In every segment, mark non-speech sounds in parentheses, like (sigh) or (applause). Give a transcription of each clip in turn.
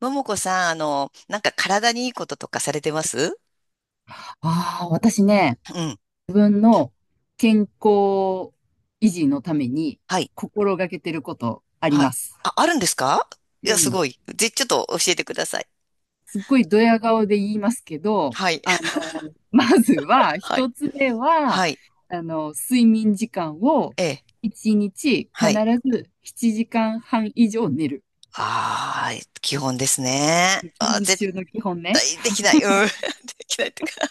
ももこさん、体にいいこととかされてます？ああ、私ね、うん。自分の健康維持のためにはい。心がけてることありはまい。す。あ、あるんですか？いうや、すん。ごい。ちょっと教えてください。すっごいドヤ顔で言いますけど、はい。(laughs) まずは、はい。一つ目は、はい。睡眠時間をええ。一日は必い。ず7時間半以上寝る。ああ、基本ですね。基あー、本絶中の基本ね。対できない。うん。(laughs) できないっていうか。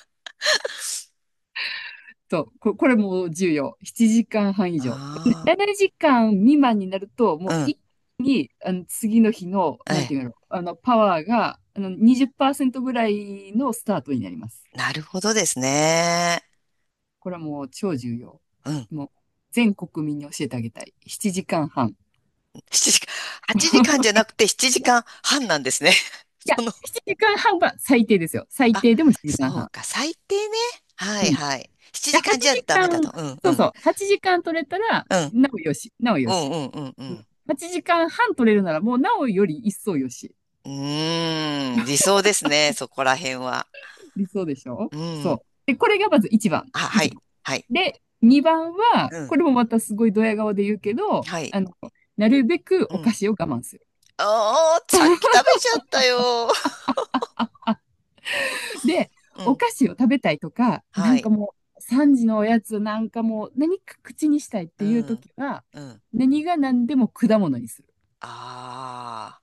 そう、これも重要。7時間半以上。あ7時間未満になると、もうあ、うん。一気に、次の日の、えなんてえ。いうの、パワーが、20%ぐらいのスタートになります。なるほどですね。これはもう超重要。うん。もう、全国民に教えてあげたい。7時間半。い7時間、8時間じゃなくて7時間半なんですね。(laughs) そや、の、7時間半は最低ですよ。最あ、低でも7時そ間う半。か、最低ね。はいはい。7いや、時間じ8ゃダ時メ間、だと。うんうそうん。そう、8時間取れたら、うん。なおよし、なおようんし。うんうんううん、ん。8時間半取れるなら、もうなおより一層よし。うーん、理想ですね、そこら辺は。理想でしょ？うそう。ん。で、これがまず1番。あ、は一番。い。はい。で、2番は、うこん。れもまたすごいドヤ顔で言うけど、はい。なるべくうお菓ん。子を我慢する。ああ、さっき食べちゃったよ。(laughs) で、うおん。菓子を食べたいとか、なはんかい。もう、3時のおやつなんかもう、何か口にしたいっうていうん。時は、うん。何が何でも果物にする。あ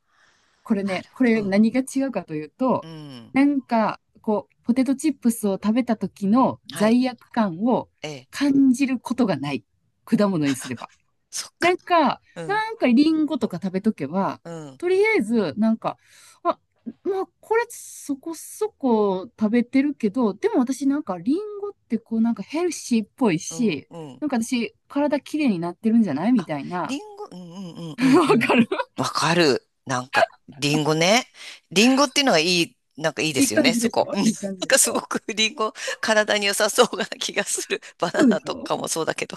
これあ、なね、るこほれど。うん。何が違うかといううと、ん。なんか、こう、ポテトチップスを食べた時のはい。罪悪感をええ。感じることがない。果物にすれば。そっなか。んか、うん。なんかリンゴとか食べとけば、うん。とりあえず、なんか、あ、まあ、これそこそこ食べてるけど、でも私なんかリンゴってこうなんかヘルシーっぽいうん。し、うん。なんか私体きれいになってるんじゃないみあ、たいリな。ンゴ、うんうん (laughs) うんわうんうん。かる。わかる。なんか、リンゴね。リンゴっていうのはいい、なんかいいでいいすよ感ね、じそでしこ。(laughs) ょ？うんないい感じんでかしすょ？ごくリンゴ、体に良さそうな気がする。(laughs) バそナうでナしとょ？かもそうだけど。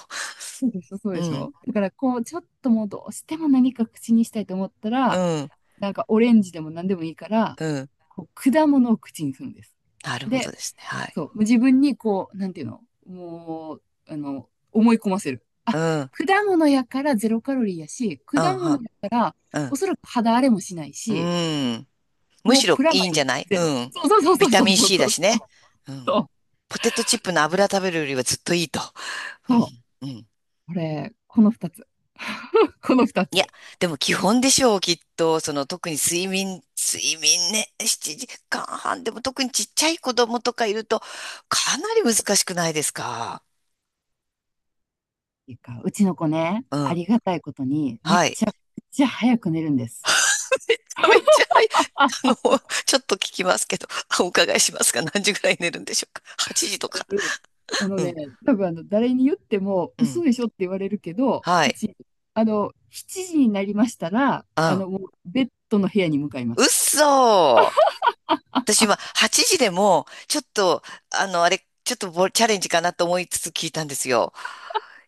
そうでしょ？そううでしん、ょ？だからこう、ちょっともうどうしても何か口にしたいと思ったうら、ん、なんかオレンジでも何でもいいから、うん。こう果物を口にするんです。なるほどで、ですね。はい。そう、自分にこう、なんていうの、もう、思い込ませる。あ、うん、うん、果物やからゼロカロリーやし、果物は、やからうおん、そらく肌荒れもしないうし、ん。むもしうろプラいマいイんじゃない？ゼロ。うん。そうそうそビうタそうそうミン そう C そだうしね。うそん。う。ポテトチップの油食べるよりはずっといいと。そう。うん、うん。これ、この二つ。この二いつ。や、っでも基本でしょう、きっと。その特に睡眠、睡眠ね、7時間半。でも特にちっちゃい子供とかいると、かなり難しくないですか？ていうか、うちの子ね、うあん。りがたいことに、めっはい。ちゃくちゃ早く寝るんです。(laughs) めっちゃ、はい。あの、ちょっと聞きますけど、あお伺いしますが、何時ぐらい寝るんでしょうか？ 8 時とか。あのうね、ん。多分誰に言ってもう嘘ん。でしょって言われるけど、はうい。ち、7時になりましたら、うん。もうベッドの部屋に向かいまうっす。そー。私今、8時でも、ちょっと、あの、あれ、ちょっとボチャレンジかなと思いつつ聞いたんですよ。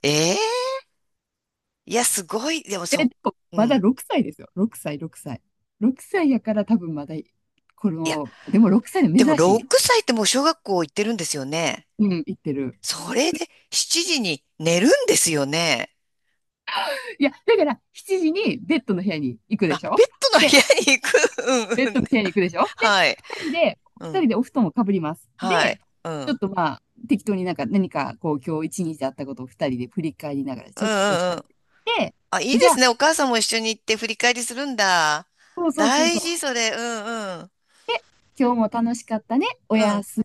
ええ、いや、すごい。でもえ、そでも、う、うまだん。6歳ですよ。6歳、6歳。6歳やから多分まだ、こいや、の、でも6歳ででも珍しい。6歳ってもう小学校行ってるんですよね。うん、行ってる。それで7時に寝るんですよね。いや、だから7時にベッドの部屋に行くであ、しペょ？ットの部で、屋に行く。ベ (laughs) うッんドうん。の部屋に行くでしょ？で、はい。二人で、う二ん。人でお布団をかぶります。はい。で、うん。うちょっんとまあ、適当になんか何かこう今日一日あったことを二人で振り返りながらうちょっとしんうゃべん。って、あ、いいでじゃすあ、ね。お母さんも一緒に行って振り返りするんだ。そうそうそう大そ事、う、それ。うんうん。今日も楽しかったね、おうやん。す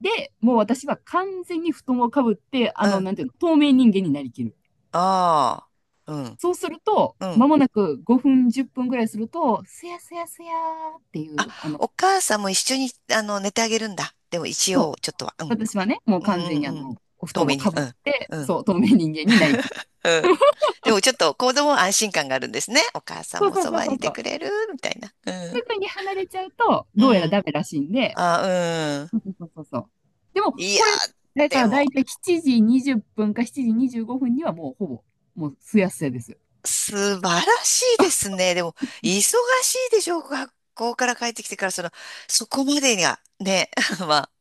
み。で、もう私は完全に布団をかぶって、うん。なんていうの、透明人間になりきる。ああ。うん。そうすると、うん。まもなく5分、10分ぐらいすると、すやすやすやーっていあ、う、お母さんも一緒に、寝てあげるんだ。でも一そ応、ちょっう、とは。うん。私はね、もうう完んう全にんうん。お布遠団目をに。かうぶっん。て、うん。そう、透明人間になりきる。うん。でもちょっと子供は安心感があるんですね。お母さんそうもそうそそうばそにういてそう。くれるみたいな。うん。すぐに離れちゃうと、うどうやらん。ダメらしいんで。あ、うん。そうそうそうそう。でも、いや、これ、だかでらも、大体7時20分か7時25分にはもうほぼ、もうすやすやですよ。素晴らしいですね。でも、忙しいでしょう。学校から帰ってきてから、その、そこまでが、ね。(laughs) まあ、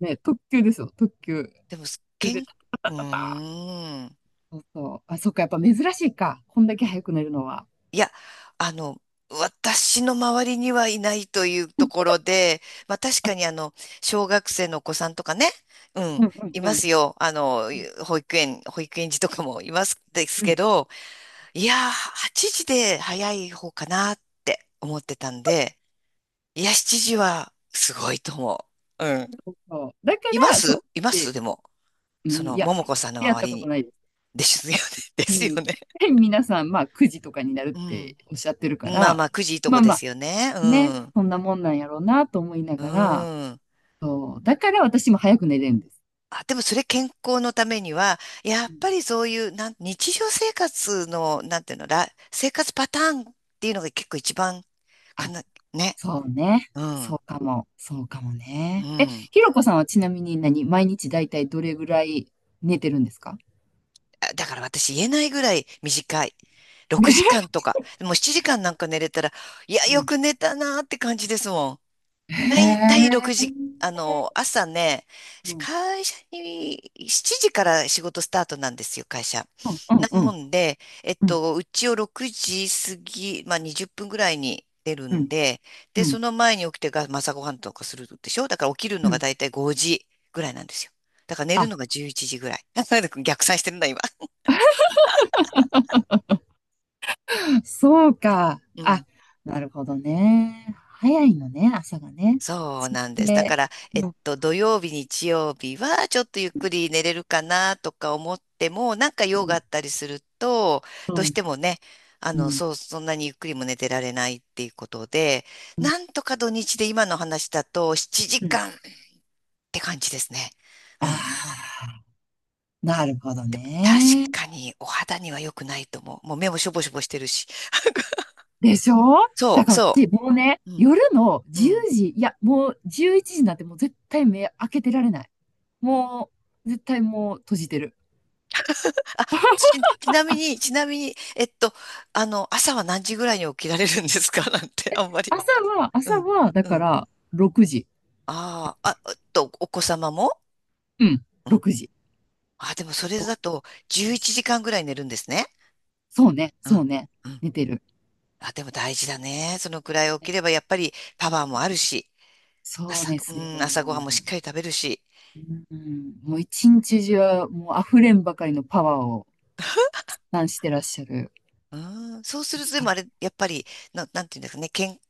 ね、特急ですよ、特急。でも、それけん、でうーん。そうそう。あ、そっか、やっぱ珍しいか。こんだけ早く寝るのは。いや、あの、私の周りにはいないというところで、まあ確かに小学生のお子さんとかね、ううん、んうんいうん。ますよ。あの、うん保育園児とかもいますですうけんど、いやー、8時で早い方かなって思ってたんで、いや、7時はすごいと思う。うん。そう。だかいまら、そすいまう、すで、でも、うそん、いの、や、ももこさんのやっ周たりことに。ないです。ですよね。あ、(laughs) でうすん。よね。で皆さん、まあ、9時とかになるっうてん。おっしゃってるかまあら、まあ、9時いいとまこあでま、すよね。うね、ん。そんなもんなんやろうなと思いなうがら、ん。そう、だから私も早く寝れるんです。あ、でもそれ健康のためには、やうっん、ぱりそういう、日常生活の、なんていうの、ら、生活パターンっていうのが結構一番かあ、な、ね。そうね。うそうん。かも。そうかもうね。え、ん。ひろこさんはちなみに何、毎日だいたいどれぐらい寝てるんですかあ、だから私言えないぐらい短い。6時ね。間とか。もう7時間なんか寝れたら、いや、うよん。く寝たなーって感じですもん。(laughs) だへいたい6時、え。朝ね、うん。会社に7時から仕事スタートなんですよ、会社。うんうんなうもんんで、うんうちを6時過ぎ、まあ20分ぐらいに出るうんんで、で、うそんの前に起きてが、まあ朝ごはんとかするでしょ？だから起きるのうがん。だいたい5時ぐらいなんですよ。だから寝あ、るのが11時ぐらい。(laughs) 逆算してるんだ、今。そうか。うあ、ん。なるほどね。早いのね、朝がね。そうそしなんです。だかて、ら、うん土曜日、日曜日はちょっとゆっくり寝れるかなとか思っても、なんかう用があんったりすると、うどうしんてもね、うんそんなにゆっくりも寝てられないっていうことで、うんなんとか土日で今の話だと7うん、時間って感じですね。あうん。あ、なるほど確ね。かにお肌には良くないと思う。もう目もしょぼしょぼしてるし。でしょ？そだう、から、そでもうね、う。うん、夜のう10ん。時、いや、もう11時なんてもう絶対目開けてられない。もう、絶対もう閉じてる。なみに、ちなみに、朝は何時ぐらいに起きられるんですか？ (laughs) なんて、あんまり。朝は、う朝ん、は、だうかん。ら、6時。ああ、あ、お子様も、うん、うん。6時。あ、でもそれだとろ11くじ、時間ぐらい寝るんですね。そうね、うそうん、ね、うん。寝てる。あ、でも大事だね。そのくらい起きればやっぱりパワーもあるし、そう朝、でうすよ。ん、朝ごはんもしっかうり食べるし。ん、もう一日中、もう溢れんばかりのパワーを、なんしてらっしゃる。うん、そうすると、でもあれ、やっぱり、んていうんですかね、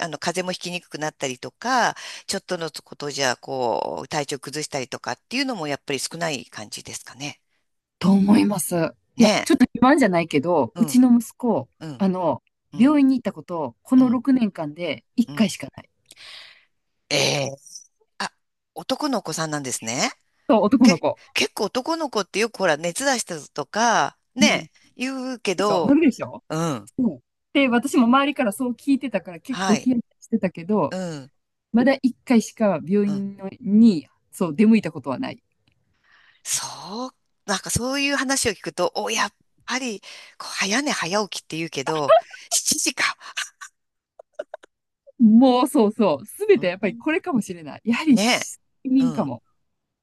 風邪もひきにくくなったりとか、ちょっとのことじゃ、こう、体調崩したりとかっていうのもやっぱり少ない感じですかね。と思います。いねや、ちょっとえ。自慢じゃないけど、ううちん、の息子、うん、あの、うん、病院に行ったこと、こうのん、6年間で1う回ん。しかない。ええ。あ、男の子さんなんですね。そう、男のけ、子。結構男の子ってよくほら、熱出したとか、うん。ねえ、言うけでしょ？など、るでしょ？うん、そう。で、私も周りからそう聞いてたから結は構い、ヒヤヒヤしてたけうど、ん、まだ1回しか病うん。院のに、そう、出向いたことはない。そう、なんかそういう話を聞くと、お、やっぱり、こう早寝早起きって言うけど、7時か。もう、そうそう。すべうてやっぱりんこれかもしれない。やはり、ね。責う任かん。も。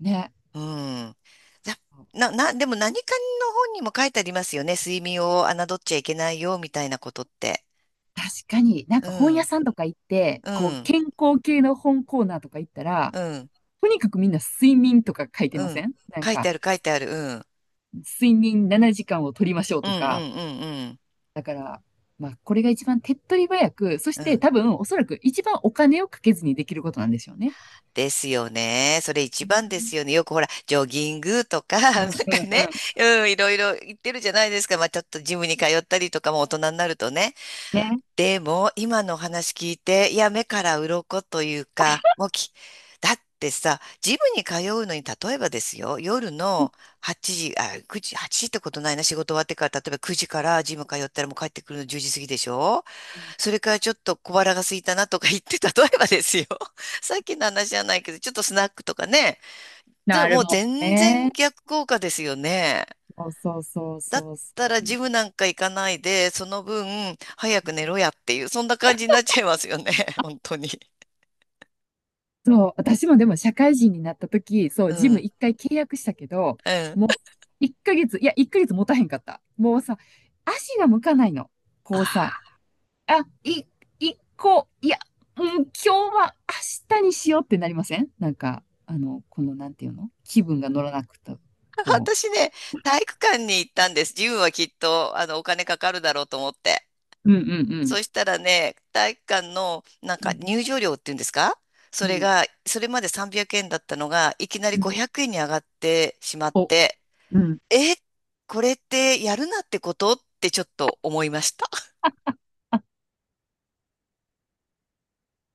ね。うん。だな、な、なでも何かの本にも書いてありますよね。睡眠を侮っちゃいけないよ、みたいなことって。確かに、なんうか本屋ん。さんとか行って、うこう、ん。健康系の本コーナーとか行ったら、うん。とにかくみんな睡眠とか書いてうません。んなん書いてか、ある、書いてある。うん。睡眠7時間を取りましょううん、とうん、か。うん、だから、まあ、これが一番手っ取り早く、そしうん。うてん。多分、おそらく一番お金をかけずにできることなんでしょうね。ですよね。それう一番でんすよね。よくほら、ジョギングとか、う (laughs) なんうんかん。ね、うん、いろいろ言ってるじゃないですか。まあ、ちょっとジムに通ったりとかも大人になるとね。ね。でも今のお話聞いて、いや目から鱗というか、もうき、だってさ、ジムに通うのに例えばですよ、夜の8時、あ、9時、8時ってことないな、仕事終わってから、例えば9時からジム通ったらもう帰ってくるの10時過ぎでしょ？それからちょっと小腹が空いたなとか言って、例えばですよ、(laughs) さっきの話じゃないけど、ちょっとスナックとかね、ずなもるうもん全然ね。逆効果ですよね。そうそうそうだっそうそたらジう。ムなんか行かないで、その分早く寝ろやっていう、そんな感じになっちゃいますよね。(laughs) 本当に。そう、私もでも社会人になった時、そう、うジムん。一回契約したけど、うん。もう1ヶ月、いや、1ヶ月持たへんかった。もうさ、足が向かないの。あこうさ、あ。あ、い、一個、いや、うん、今日は明日にしようってなりませんなんか、この、なんていうの、気分が乗らなくて、こ私ね、体育館に行ったんです。ジムはきっと、お金かかるだろうと思って。う。うんうんうん。そしたらね、体育館の、なんうかん入場料っていうんですか？うそれんが、それまで300円だったのが、いきなりうん。500円に上がってしまっお、て、うん。え、これってやるなってことってちょっと思いました。